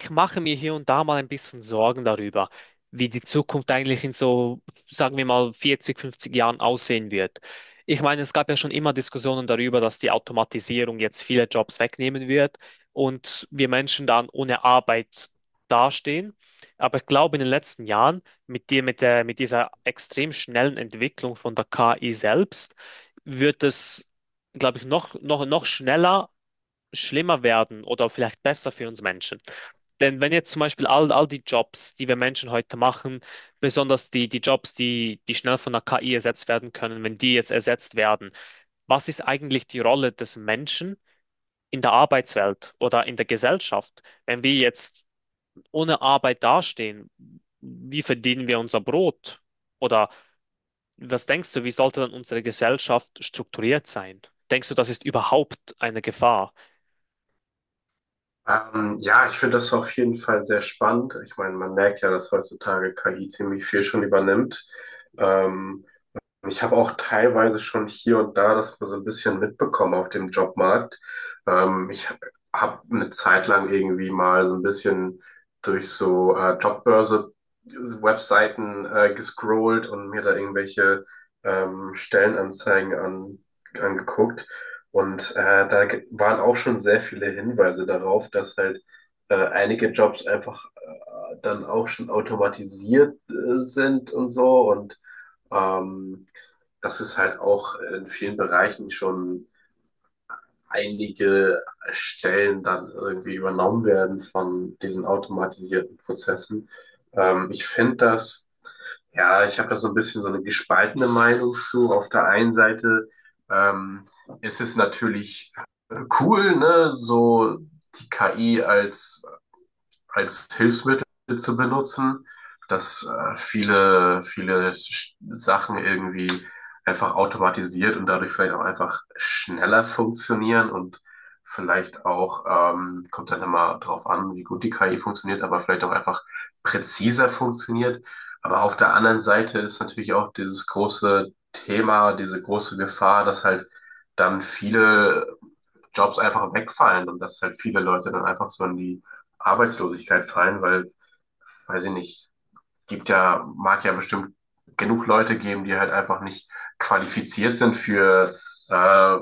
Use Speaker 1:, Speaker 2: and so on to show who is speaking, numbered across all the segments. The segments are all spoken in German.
Speaker 1: Ich mache mir hier und da mal ein bisschen Sorgen darüber, wie die Zukunft eigentlich in so, sagen wir mal, 40, 50 Jahren aussehen wird. Ich meine, es gab ja schon immer Diskussionen darüber, dass die Automatisierung jetzt viele Jobs wegnehmen wird und wir Menschen dann ohne Arbeit dastehen. Aber ich glaube, in den letzten Jahren mit dir, mit dieser extrem schnellen Entwicklung von der KI selbst, wird es, glaube ich, noch schneller schlimmer werden oder vielleicht besser für uns Menschen. Denn wenn jetzt zum Beispiel all die Jobs, die wir Menschen heute machen, besonders die Jobs, die schnell von der KI ersetzt werden können, wenn die jetzt ersetzt werden, was ist eigentlich die Rolle des Menschen in der Arbeitswelt oder in der Gesellschaft? Wenn wir jetzt ohne Arbeit dastehen, wie verdienen wir unser Brot? Oder was denkst du, wie sollte dann unsere Gesellschaft strukturiert sein? Denkst du, das ist überhaupt eine Gefahr?
Speaker 2: Ja, Ich finde das auf jeden Fall sehr spannend. Ich meine, man merkt ja, dass heutzutage KI ziemlich viel schon übernimmt. Ähm, Ich habe auch teilweise schon hier und da das so ein bisschen mitbekommen auf dem Jobmarkt. Ich habe eine Zeit lang irgendwie mal so ein bisschen durch so Jobbörse-Webseiten gescrollt und mir da irgendwelche ähm, Stellenanzeigen an, angeguckt. Und waren auch schon sehr viele Hinweise darauf, dass halt einige Jobs einfach dann auch schon automatisiert sind und so, und ähm, dass es halt auch in vielen Bereichen schon einige Stellen dann irgendwie übernommen werden von diesen automatisierten Prozessen. Ähm, ich finde das, ja, ich habe da so ein bisschen so eine gespaltene Meinung zu. Auf der einen Seite ähm, ist es natürlich cool, ne, so die KI als Hilfsmittel zu benutzen, dass viele Sachen irgendwie einfach automatisiert und dadurch vielleicht auch einfach schneller funktionieren und vielleicht auch, kommt dann immer drauf an, wie gut die KI funktioniert, aber vielleicht auch einfach präziser funktioniert. Aber auf der anderen Seite ist natürlich auch dieses große Thema, diese große Gefahr, dass halt dann viele Jobs einfach wegfallen und dass halt viele Leute dann einfach so in die Arbeitslosigkeit fallen, weil, weiß ich nicht, gibt ja, mag ja bestimmt genug Leute geben, die halt einfach nicht qualifiziert sind für äh,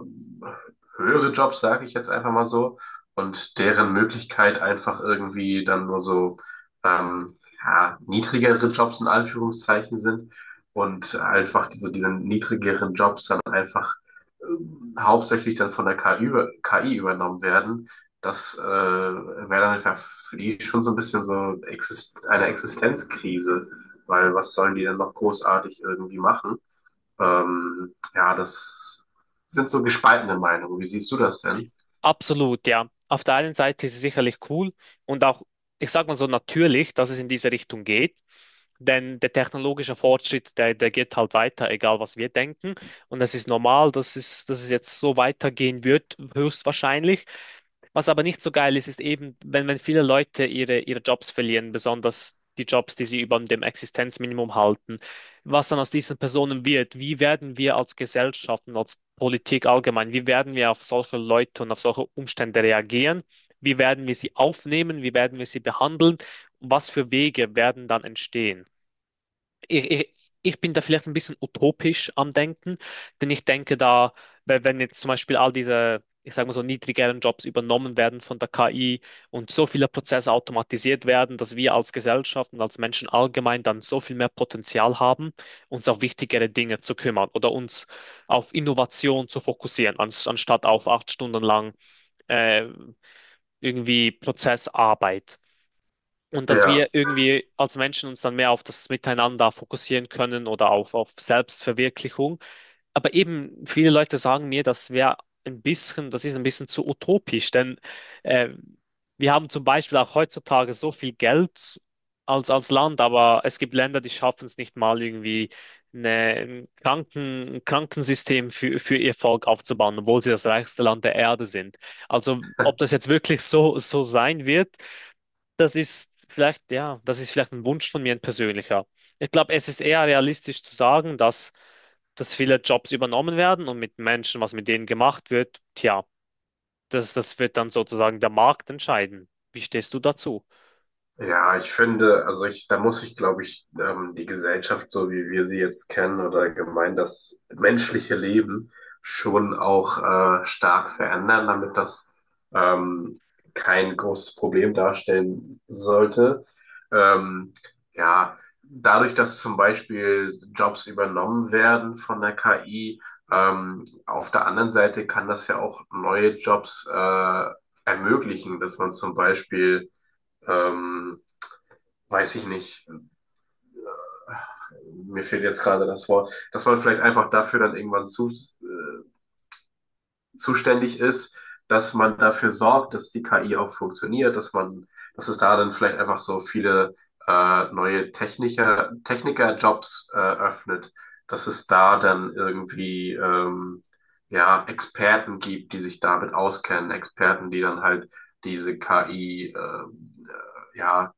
Speaker 2: höhere Jobs, sage ich jetzt einfach mal so, und deren Möglichkeit einfach irgendwie dann nur so ähm, ja, niedrigere Jobs in Anführungszeichen sind, und einfach diese niedrigeren Jobs dann einfach hauptsächlich dann von der KI übernommen werden. Das wäre dann einfach für die schon so ein bisschen so exist eine Existenzkrise, weil was sollen die denn noch großartig irgendwie machen? Ja, das sind so gespaltene Meinungen. Wie siehst du das denn?
Speaker 1: Absolut, ja. Auf der einen Seite ist es sicherlich cool und auch, ich sag mal so, natürlich, dass es in diese Richtung geht, denn der technologische Fortschritt, der geht halt weiter, egal was wir denken. Und es ist normal, dass es jetzt so weitergehen wird, höchstwahrscheinlich. Was aber nicht so geil ist, ist eben, wenn viele Leute ihre Jobs verlieren, besonders die Jobs, die sie über dem Existenzminimum halten, was dann aus diesen Personen wird, wie werden wir als Gesellschaft und als Politik allgemein, wie werden wir auf solche Leute und auf solche Umstände reagieren, wie werden wir sie aufnehmen, wie werden wir sie behandeln, was für Wege werden dann entstehen? ich, ich ich bin da vielleicht ein bisschen utopisch am Denken, denn ich denke da, weil wenn jetzt zum Beispiel all diese, ich sage mal so, niedrigeren Jobs übernommen werden von der KI und so viele Prozesse automatisiert werden, dass wir als Gesellschaft und als Menschen allgemein dann so viel mehr Potenzial haben, uns auf wichtigere Dinge zu kümmern oder uns auf Innovation zu fokussieren, anstatt auf acht Stunden lang äh, irgendwie Prozessarbeit. Und dass wir
Speaker 2: Ja.
Speaker 1: irgendwie als Menschen uns dann mehr auf das Miteinander fokussieren können oder auf Selbstverwirklichung. Aber eben viele Leute sagen mir, das ist ein bisschen zu utopisch, denn äh, wir haben zum Beispiel auch heutzutage so viel Geld als Land, aber es gibt Länder, die schaffen es nicht mal irgendwie eine, ein Krankensystem für ihr Volk aufzubauen, obwohl sie das reichste Land der Erde sind. Also ob das jetzt wirklich so sein wird, das ist vielleicht, ja, das ist vielleicht ein Wunsch von mir, ein persönlicher. Ich glaube, es ist eher realistisch zu sagen, dass viele Jobs übernommen werden und mit Menschen, was mit denen gemacht wird, tja, das wird dann sozusagen der Markt entscheiden. Wie stehst du dazu?
Speaker 2: Ja, ich finde, da muss ich, glaube ich, die Gesellschaft, so wie wir sie jetzt kennen, oder allgemein das menschliche Leben schon auch stark verändern, damit das ähm, kein großes Problem darstellen sollte. Ähm, ja, Dadurch, dass zum Beispiel Jobs übernommen werden von der KI, auf der anderen Seite kann das ja auch neue Jobs ermöglichen, dass man zum Beispiel ähm, weiß ich nicht, mir fehlt jetzt gerade das Wort, dass man vielleicht einfach dafür dann irgendwann zuständig ist, dass man dafür sorgt, dass die KI auch funktioniert, dass es da dann vielleicht einfach so viele Technikerjobs öffnet, dass es da dann irgendwie ja Experten gibt, die sich damit auskennen, Experten, die dann halt diese KI ja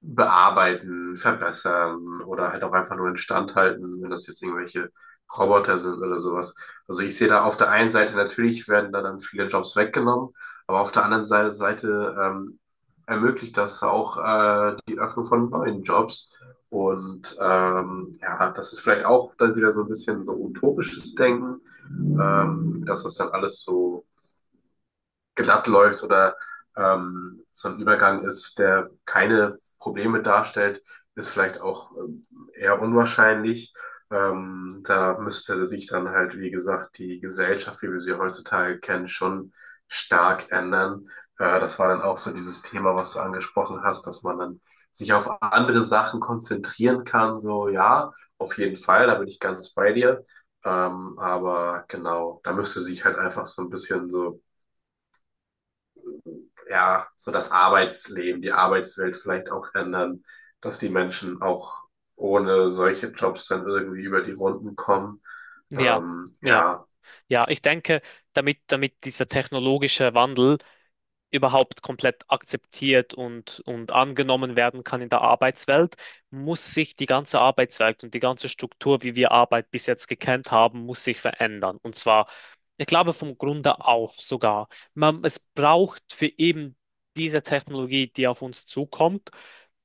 Speaker 2: bearbeiten, verbessern oder halt auch einfach nur instand halten, wenn das jetzt irgendwelche Roboter sind oder sowas. Also ich sehe da auf der einen Seite, natürlich werden da dann viele Jobs weggenommen, aber auf der anderen Seite ermöglicht das auch die Öffnung von neuen Jobs. Und ja, das ist vielleicht auch dann wieder so ein bisschen so utopisches Denken, dass das dann alles so glatt läuft oder so ein Übergang ist, der keine Probleme darstellt, ist vielleicht auch eher unwahrscheinlich. Da müsste sich dann halt, wie gesagt, die Gesellschaft, wie wir sie heutzutage kennen, schon stark ändern. Das war dann auch so dieses Thema, was du angesprochen hast, dass man dann sich auf andere Sachen konzentrieren kann. So, ja, auf jeden Fall, da bin ich ganz bei dir. Aber genau, da müsste sich halt einfach so ein bisschen so ja, so das Arbeitsleben, die Arbeitswelt vielleicht auch ändern, dass die Menschen auch ohne solche Jobs dann irgendwie über die Runden kommen.
Speaker 1: Ja, ja,
Speaker 2: Ja,
Speaker 1: ja, ich denke, damit dieser technologische Wandel überhaupt komplett akzeptiert und angenommen werden kann in der Arbeitswelt, muss sich die ganze Arbeitswelt und die ganze Struktur, wie wir Arbeit bis jetzt gekannt haben, muss sich verändern. Und zwar, ich glaube, vom Grunde auf sogar. Man, es braucht für eben diese Technologie, die auf uns zukommt,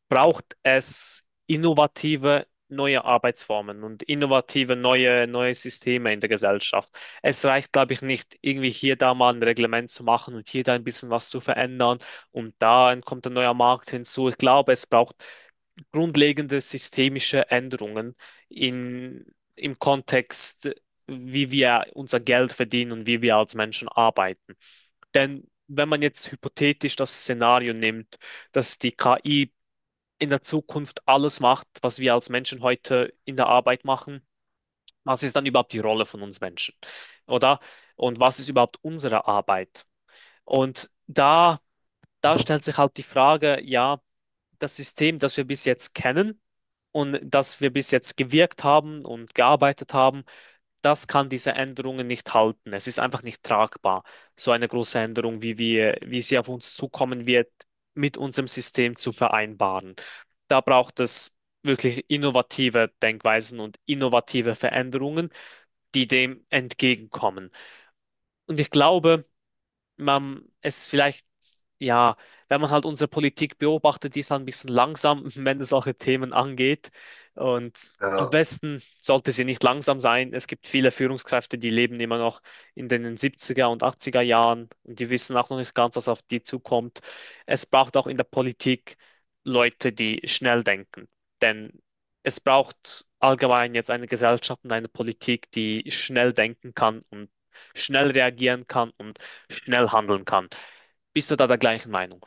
Speaker 1: braucht es innovative neue Arbeitsformen und innovative neue Systeme in der Gesellschaft. Es reicht, glaube ich, nicht, irgendwie hier da mal ein Reglement zu machen und hier da ein bisschen was zu verändern und da kommt ein neuer Markt hinzu. Ich glaube, es braucht grundlegende systemische Änderungen in, im Kontext, wie wir unser Geld verdienen und wie wir als Menschen arbeiten. Denn wenn man jetzt hypothetisch das Szenario nimmt, dass die KI in der Zukunft alles macht, was wir als Menschen heute in der Arbeit machen, was ist dann überhaupt die Rolle von uns Menschen? Oder? Und was ist überhaupt unsere Arbeit? Und da stellt sich halt die Frage, ja, das System, das wir bis jetzt kennen und das wir bis jetzt gewirkt haben und gearbeitet haben, das kann diese Änderungen nicht halten. Es ist einfach nicht tragbar, so eine große Änderung, wie sie auf uns zukommen wird, mit unserem System zu vereinbaren. Da braucht es wirklich innovative Denkweisen und innovative Veränderungen die dem entgegenkommen. Und ich glaube, man es vielleicht, ja, wenn man halt unsere Politik beobachtet, die ist halt ein bisschen langsam, wenn es solche Themen angeht. Und am
Speaker 2: ja.
Speaker 1: besten sollte sie nicht langsam sein. Es gibt viele Führungskräfte, die leben immer noch in den siebziger und achtziger Jahren und die wissen auch noch nicht ganz, was auf die zukommt. Es braucht auch in der Politik Leute, die schnell denken. Denn es braucht allgemein jetzt eine Gesellschaft und eine Politik, die schnell denken kann und schnell reagieren kann und schnell handeln kann. Bist du da der gleichen Meinung?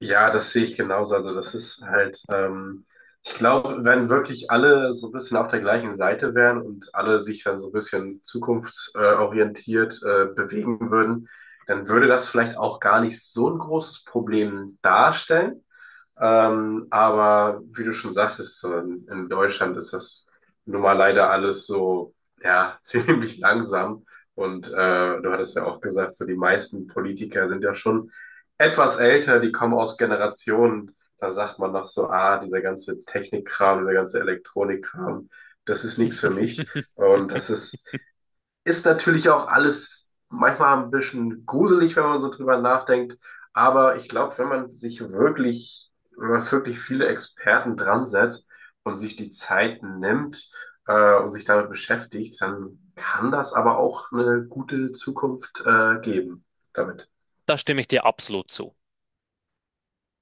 Speaker 2: Ja, das sehe ich genauso. Also das ist halt, ich glaube, wenn wirklich alle so ein bisschen auf der gleichen Seite wären und alle sich dann so ein bisschen zukunftsorientiert bewegen würden, dann würde das vielleicht auch gar nicht so ein großes Problem darstellen. Aber wie du schon sagtest, so in Deutschland ist das nun mal leider alles so, ja, ziemlich langsam. Und du hattest ja auch gesagt, so die meisten Politiker sind ja schon etwas älter, die kommen aus Generationen, da sagt man noch so, ah, dieser ganze Technikkram, dieser ganze Elektronikkram, das ist nichts für mich. Und ist natürlich auch alles manchmal ein bisschen gruselig, wenn man so drüber nachdenkt. Aber ich glaube, wenn man wirklich viele Experten dran setzt und sich die Zeit nimmt und sich damit beschäftigt, dann kann das aber auch eine gute Zukunft geben damit.
Speaker 1: Da stimme ich dir absolut zu.